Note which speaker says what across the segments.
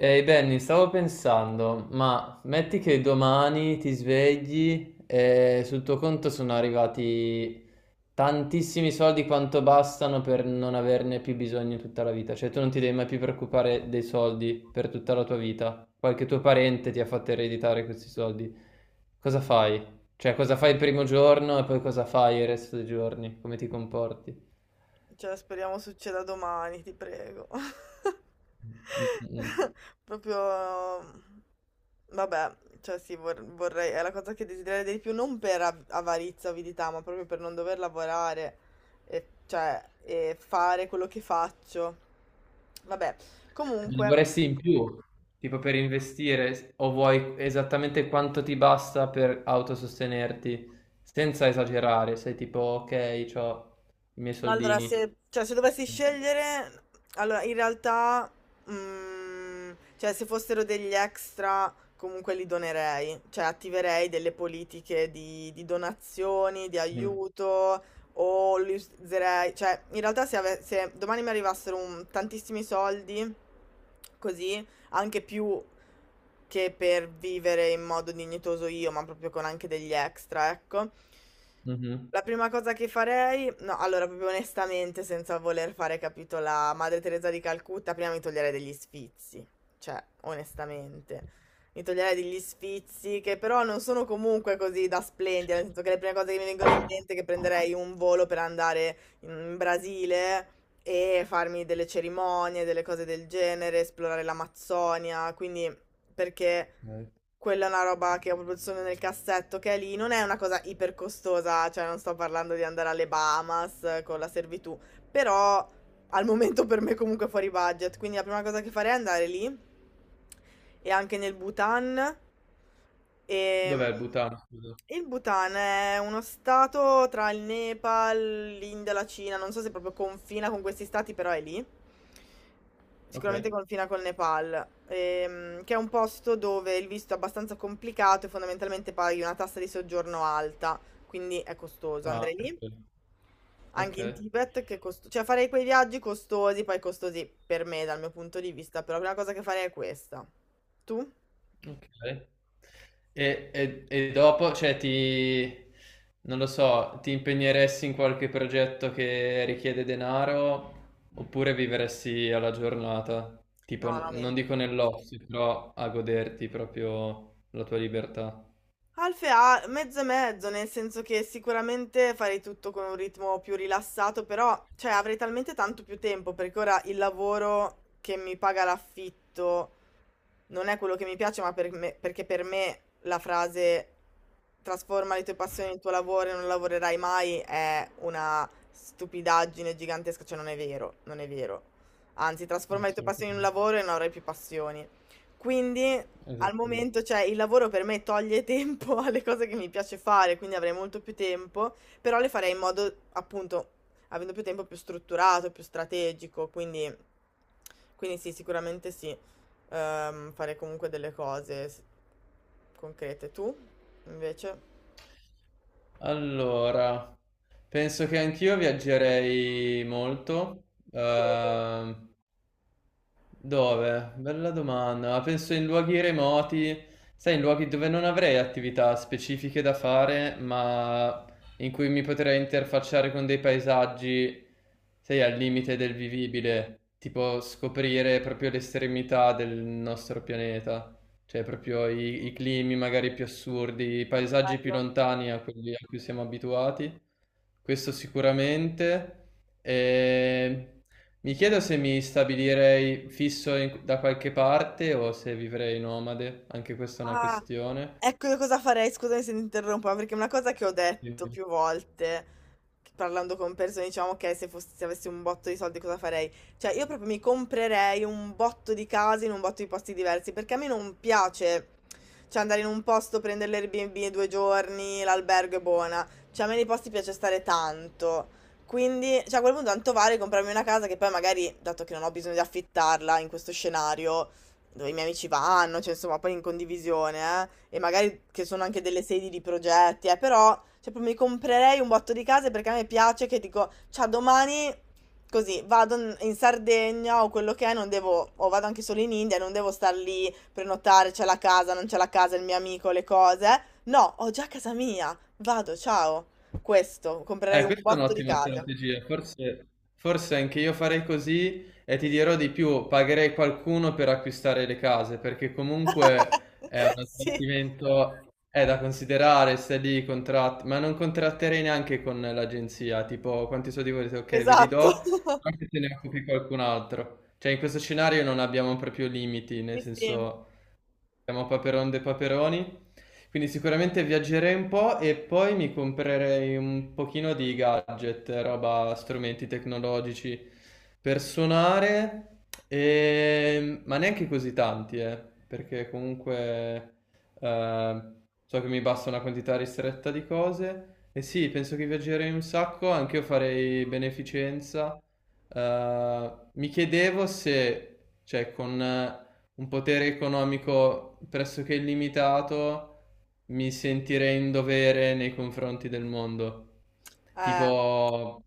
Speaker 1: Ehi Benny, stavo pensando, ma metti che domani ti svegli e sul tuo conto sono arrivati tantissimi soldi quanto bastano per non averne più bisogno tutta la vita, cioè tu non ti devi mai più preoccupare dei soldi per tutta la tua vita, qualche tuo parente ti ha fatto ereditare questi soldi, cosa fai? Cioè cosa fai il primo giorno e poi cosa fai il resto dei giorni, come ti comporti?
Speaker 2: Cioè, speriamo succeda domani, ti prego.
Speaker 1: Mm, mm, mm.
Speaker 2: Proprio, vabbè, cioè sì, vorrei, è la cosa che desidererei di più, non per avarizia, avidità, ma proprio per non dover lavorare e, cioè, e fare quello che faccio. Vabbè,
Speaker 1: Ne
Speaker 2: comunque,
Speaker 1: vorresti in più, tipo per investire, o vuoi esattamente quanto ti basta per autosostenerti, senza esagerare, sei tipo, ok, ho i miei
Speaker 2: no, allora,
Speaker 1: soldini.
Speaker 2: se dovessi scegliere, allora in realtà, mm, cioè, se fossero degli extra, comunque li donerei, cioè attiverei delle politiche di donazioni, di
Speaker 1: Mm.
Speaker 2: aiuto, o li userei, cioè, in realtà se domani mi arrivassero tantissimi soldi, così, anche più che per vivere in modo dignitoso io, ma proprio con anche degli extra, ecco.
Speaker 1: Mhm.
Speaker 2: La prima cosa che farei, no, allora proprio onestamente, senza voler fare, capito, la Madre Teresa di Calcutta, prima mi toglierei degli sfizi, cioè, onestamente. Mi toglierei degli sfizi che però non sono comunque così da splendere, nel senso che le prime cose che mi vengono in mente è che prenderei un volo per andare in Brasile e farmi delle cerimonie, delle cose del genere, esplorare l'Amazzonia, quindi perché
Speaker 1: Ok.
Speaker 2: quella è una roba che ho proprio solo nel cassetto che è lì, non è una cosa iper costosa, cioè non sto parlando di andare alle Bahamas con la servitù, però al momento per me comunque è fuori budget, quindi la prima cosa che farei è andare lì e anche nel Bhutan. E
Speaker 1: Dov'è il Bhutan? Scusa?
Speaker 2: il Bhutan è uno stato tra il Nepal, l'India, la Cina, non so se proprio confina con questi stati, però è lì.
Speaker 1: Ok.
Speaker 2: Sicuramente confina col Nepal, che è un posto dove il visto è abbastanza complicato e fondamentalmente paghi una tassa di soggiorno alta, quindi è costoso.
Speaker 1: Ah,
Speaker 2: Andrei lì,
Speaker 1: perfetto.
Speaker 2: anche in
Speaker 1: Ok.
Speaker 2: Tibet, che è cioè farei quei viaggi costosi, poi costosi per me dal mio punto di vista, però la prima cosa che farei è questa. Tu?
Speaker 1: Okay. E dopo, cioè ti non lo so, ti impegneresti in qualche progetto che richiede denaro oppure vivresti alla giornata? Tipo,
Speaker 2: No, no,
Speaker 1: n
Speaker 2: mi...
Speaker 1: non dico nell'ozio, però a goderti proprio la tua libertà.
Speaker 2: Alfe ha mezzo e mezzo, nel senso che sicuramente farei tutto con un ritmo più rilassato, però cioè, avrei talmente tanto più tempo perché ora il lavoro che mi paga l'affitto non è quello che mi piace, ma perché per me la frase trasforma le tue passioni in tuo lavoro e non lavorerai mai è una stupidaggine gigantesca, cioè non è vero, non è vero. Anzi, trasforma le tue passioni in un
Speaker 1: Assolutamente.
Speaker 2: lavoro e non avrai più passioni. Quindi al
Speaker 1: Esattamente.
Speaker 2: momento, cioè, il lavoro per me toglie tempo alle cose che mi piace fare, quindi avrei molto più tempo, però le farei in modo, appunto, avendo più tempo più strutturato, più strategico, quindi, quindi sì, sicuramente sì fare comunque delle cose concrete. Tu, invece?
Speaker 1: Allora, penso che anch'io viaggerei molto.
Speaker 2: Dove?
Speaker 1: uhm Dove? Bella domanda. Ma penso in luoghi remoti, sai, in luoghi dove non avrei attività specifiche da fare, ma in cui mi potrei interfacciare con dei paesaggi, sai, al limite del vivibile, tipo scoprire proprio l'estremità del nostro pianeta, cioè proprio i climi magari più assurdi, i paesaggi più
Speaker 2: Bello.
Speaker 1: lontani a quelli a cui siamo abituati. Questo sicuramente. E mi chiedo se mi stabilirei fisso da qualche parte o se vivrei nomade, anche questa è una
Speaker 2: Ah,
Speaker 1: questione.
Speaker 2: ecco io cosa farei, scusami se ti interrompo, ma perché è una cosa che ho detto più volte, che parlando con persone, diciamo, ok, se avessi un botto di soldi cosa farei? Cioè, io proprio mi comprerei un botto di case in un botto di posti diversi, perché a me non piace, cioè, andare in un posto, prendere l'Airbnb due giorni, l'albergo è buona, cioè, a me nei posti piace stare tanto. Quindi, cioè, a quel punto tanto vale comprarmi una casa che poi magari, dato che non ho bisogno di affittarla in questo scenario, dove i miei amici vanno, cioè insomma, poi in condivisione, e magari che sono anche delle sedi di progetti, però cioè, proprio mi comprerei un botto di case perché a me piace che dico, ciao, domani così vado in Sardegna o quello che è, non devo, o vado anche solo in India, non devo star lì, prenotare, c'è la casa, non c'è la casa, il mio amico, le cose. No, ho già casa mia, vado, ciao. Questo, comprerei
Speaker 1: Eh,
Speaker 2: un
Speaker 1: questa è
Speaker 2: botto di
Speaker 1: un'ottima
Speaker 2: case.
Speaker 1: strategia, forse, forse anche io farei così e ti dirò di più, pagherei qualcuno per acquistare le case, perché comunque è un
Speaker 2: Sì,
Speaker 1: sbattimento, è da considerare, stai lì, contratti, ma non contratterei neanche con l'agenzia, tipo quanti soldi volete, ok, ve li do,
Speaker 2: esatto.
Speaker 1: anche se ne occupi qualcun altro. Cioè in questo scenario non abbiamo proprio limiti,
Speaker 2: Sì,
Speaker 1: nel
Speaker 2: sì.
Speaker 1: senso siamo Paperon de Paperoni. Quindi sicuramente viaggerei un po' e poi mi comprerei un pochino di gadget, roba, strumenti tecnologici per suonare, ma neanche così tanti, perché comunque eh, so che mi basta una quantità ristretta di cose. E sì, penso che viaggerei un sacco, anche io farei beneficenza. Mi chiedevo se, cioè, con un potere economico pressoché illimitato, mi sentirei in dovere nei confronti del mondo.
Speaker 2: Eh,
Speaker 1: Tipo,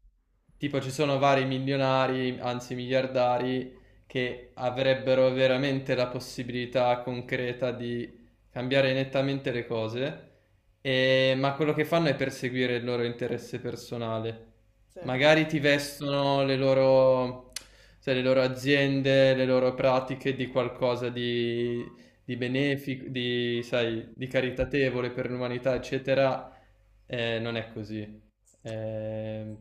Speaker 1: tipo ci sono vari milionari, anzi miliardari, che avrebbero veramente la possibilità concreta di cambiare nettamente le cose, ma quello che fanno è perseguire il loro interesse personale.
Speaker 2: sì.
Speaker 1: Magari ti vestono le loro, sai, le loro aziende, le loro pratiche di qualcosa di benefico, di, sai, di caritatevole per l'umanità, eccetera. Non è così. Eh,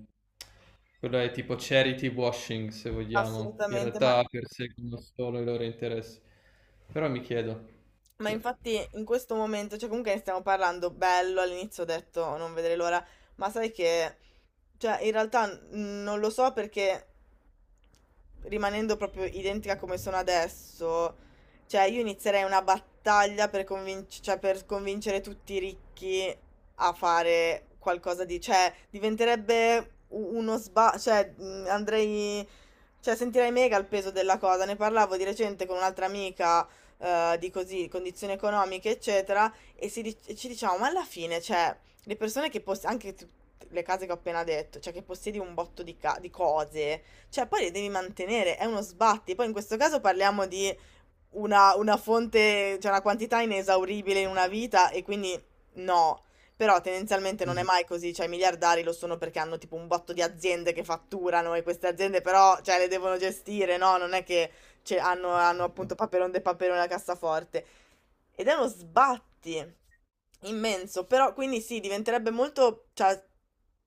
Speaker 1: quello è tipo charity washing, se vogliamo. In
Speaker 2: Assolutamente,
Speaker 1: realtà perseguono solo i loro interessi. Però mi chiedo.
Speaker 2: ma
Speaker 1: Sì.
Speaker 2: infatti in questo momento, cioè comunque ne stiamo parlando bello, all'inizio ho detto "Oh, non vedrei l'ora, ma sai che, cioè in realtà non lo so perché rimanendo proprio identica come sono adesso, cioè io inizierei una battaglia per, cioè, per convincere tutti i ricchi a fare qualcosa di, cioè diventerebbe uno sba, cioè andrei. Cioè, sentirai mega il peso della cosa. Ne parlavo di recente con un'altra amica, di così, condizioni economiche, eccetera, e e ci diciamo, ma alla fine, cioè, le persone che possiedono, le case che ho appena detto, cioè che possiedi un botto di, di cose, cioè poi le devi mantenere, è uno sbatti. Poi in questo caso parliamo di una fonte cioè una quantità inesauribile in una vita e quindi no. Però tendenzialmente non è
Speaker 1: Mhm,
Speaker 2: mai così, cioè i miliardari lo sono perché hanno tipo un botto di aziende che fatturano e queste aziende però cioè le devono gestire, no, non è che cioè, hanno appunto Paperon de Paperon la cassaforte. Ed è uno sbatti immenso, però quindi sì, diventerebbe molto cioè,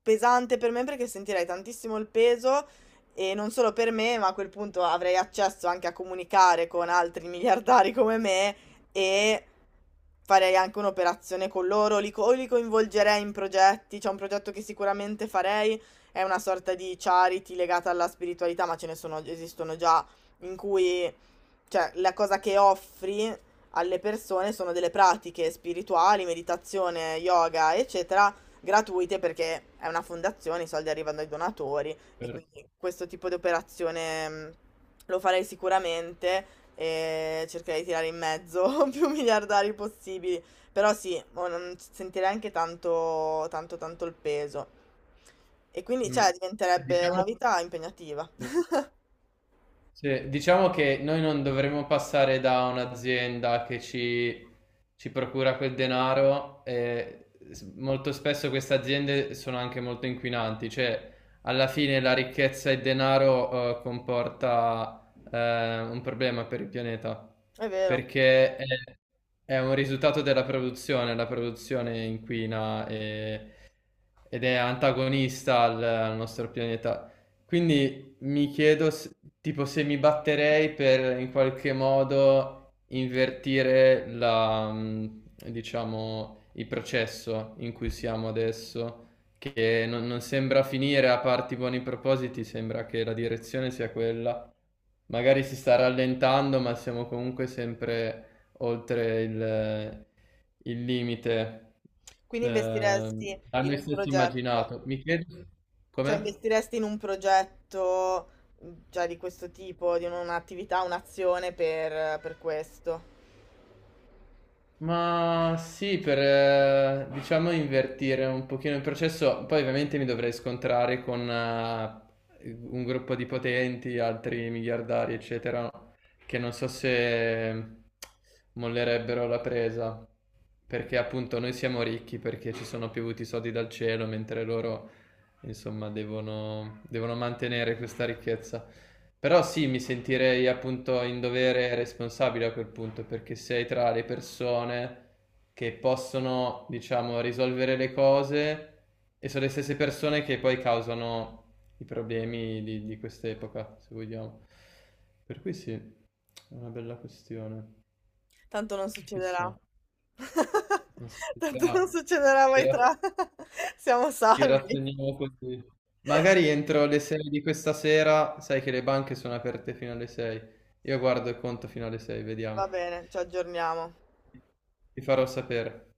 Speaker 2: pesante per me perché sentirei tantissimo il peso e non solo per me, ma a quel punto avrei accesso anche a comunicare con altri miliardari come me e farei anche un'operazione con loro, o li coinvolgerei in progetti, c'è un progetto che sicuramente farei, è una sorta di charity legata alla spiritualità, ma ce ne sono, esistono già, in cui cioè la cosa che offri alle persone sono delle pratiche spirituali, meditazione, yoga, eccetera, gratuite perché è una fondazione, i soldi arrivano ai donatori e quindi
Speaker 1: certo.
Speaker 2: questo tipo di operazione lo farei sicuramente e cercherei di tirare in mezzo più miliardari possibili, però sì, mo non sentirei anche tanto, tanto, tanto il peso. E quindi,
Speaker 1: Mm.
Speaker 2: cioè, diventerebbe una
Speaker 1: Diciamo...
Speaker 2: vita impegnativa.
Speaker 1: Sì, diciamo che noi non dovremmo passare da un'azienda che ci procura quel denaro e molto spesso queste aziende sono anche molto inquinanti, cioè alla fine la ricchezza e il denaro comporta un problema per il pianeta,
Speaker 2: È vero.
Speaker 1: perché è un risultato della produzione, la produzione inquina ed è antagonista al nostro pianeta. Quindi mi chiedo tipo se mi batterei per in qualche modo invertire diciamo, il processo in cui siamo adesso, che non sembra finire a parti buoni propositi, sembra che la direzione sia quella. Magari si sta rallentando, ma siamo comunque sempre oltre il limite.
Speaker 2: Quindi
Speaker 1: Ehm,
Speaker 2: investiresti
Speaker 1: a
Speaker 2: in
Speaker 1: noi
Speaker 2: un
Speaker 1: stessi
Speaker 2: progetto,
Speaker 1: immaginato. Mi chiedo
Speaker 2: cioè
Speaker 1: come?
Speaker 2: investiresti in un progetto cioè, di questo tipo, di un'attività, un'azione per questo.
Speaker 1: Ma sì, per diciamo invertire un pochino il processo, poi ovviamente mi dovrei scontrare con un gruppo di potenti, altri miliardari, eccetera, che non so se mollerebbero la presa, perché appunto noi siamo ricchi perché ci sono piovuti soldi dal cielo, mentre loro insomma, devono mantenere questa ricchezza. Però sì, mi sentirei appunto in dovere e responsabile a quel punto, perché sei tra le persone che possono, diciamo, risolvere le cose e sono le stesse persone che poi causano i problemi di quest'epoca, se vogliamo. Per cui sì, è una bella questione.
Speaker 2: Tanto non succederà.
Speaker 1: Chissà, una
Speaker 2: Tanto non
Speaker 1: società
Speaker 2: succederà
Speaker 1: che
Speaker 2: mai
Speaker 1: era
Speaker 2: tra. Siamo
Speaker 1: ci
Speaker 2: salvi.
Speaker 1: rassegniamo così. Magari entro le 6 di questa sera, sai che le banche sono aperte fino alle 6. Io guardo il conto fino alle 6, vediamo.
Speaker 2: Va bene, ci aggiorniamo.
Speaker 1: Ti farò sapere.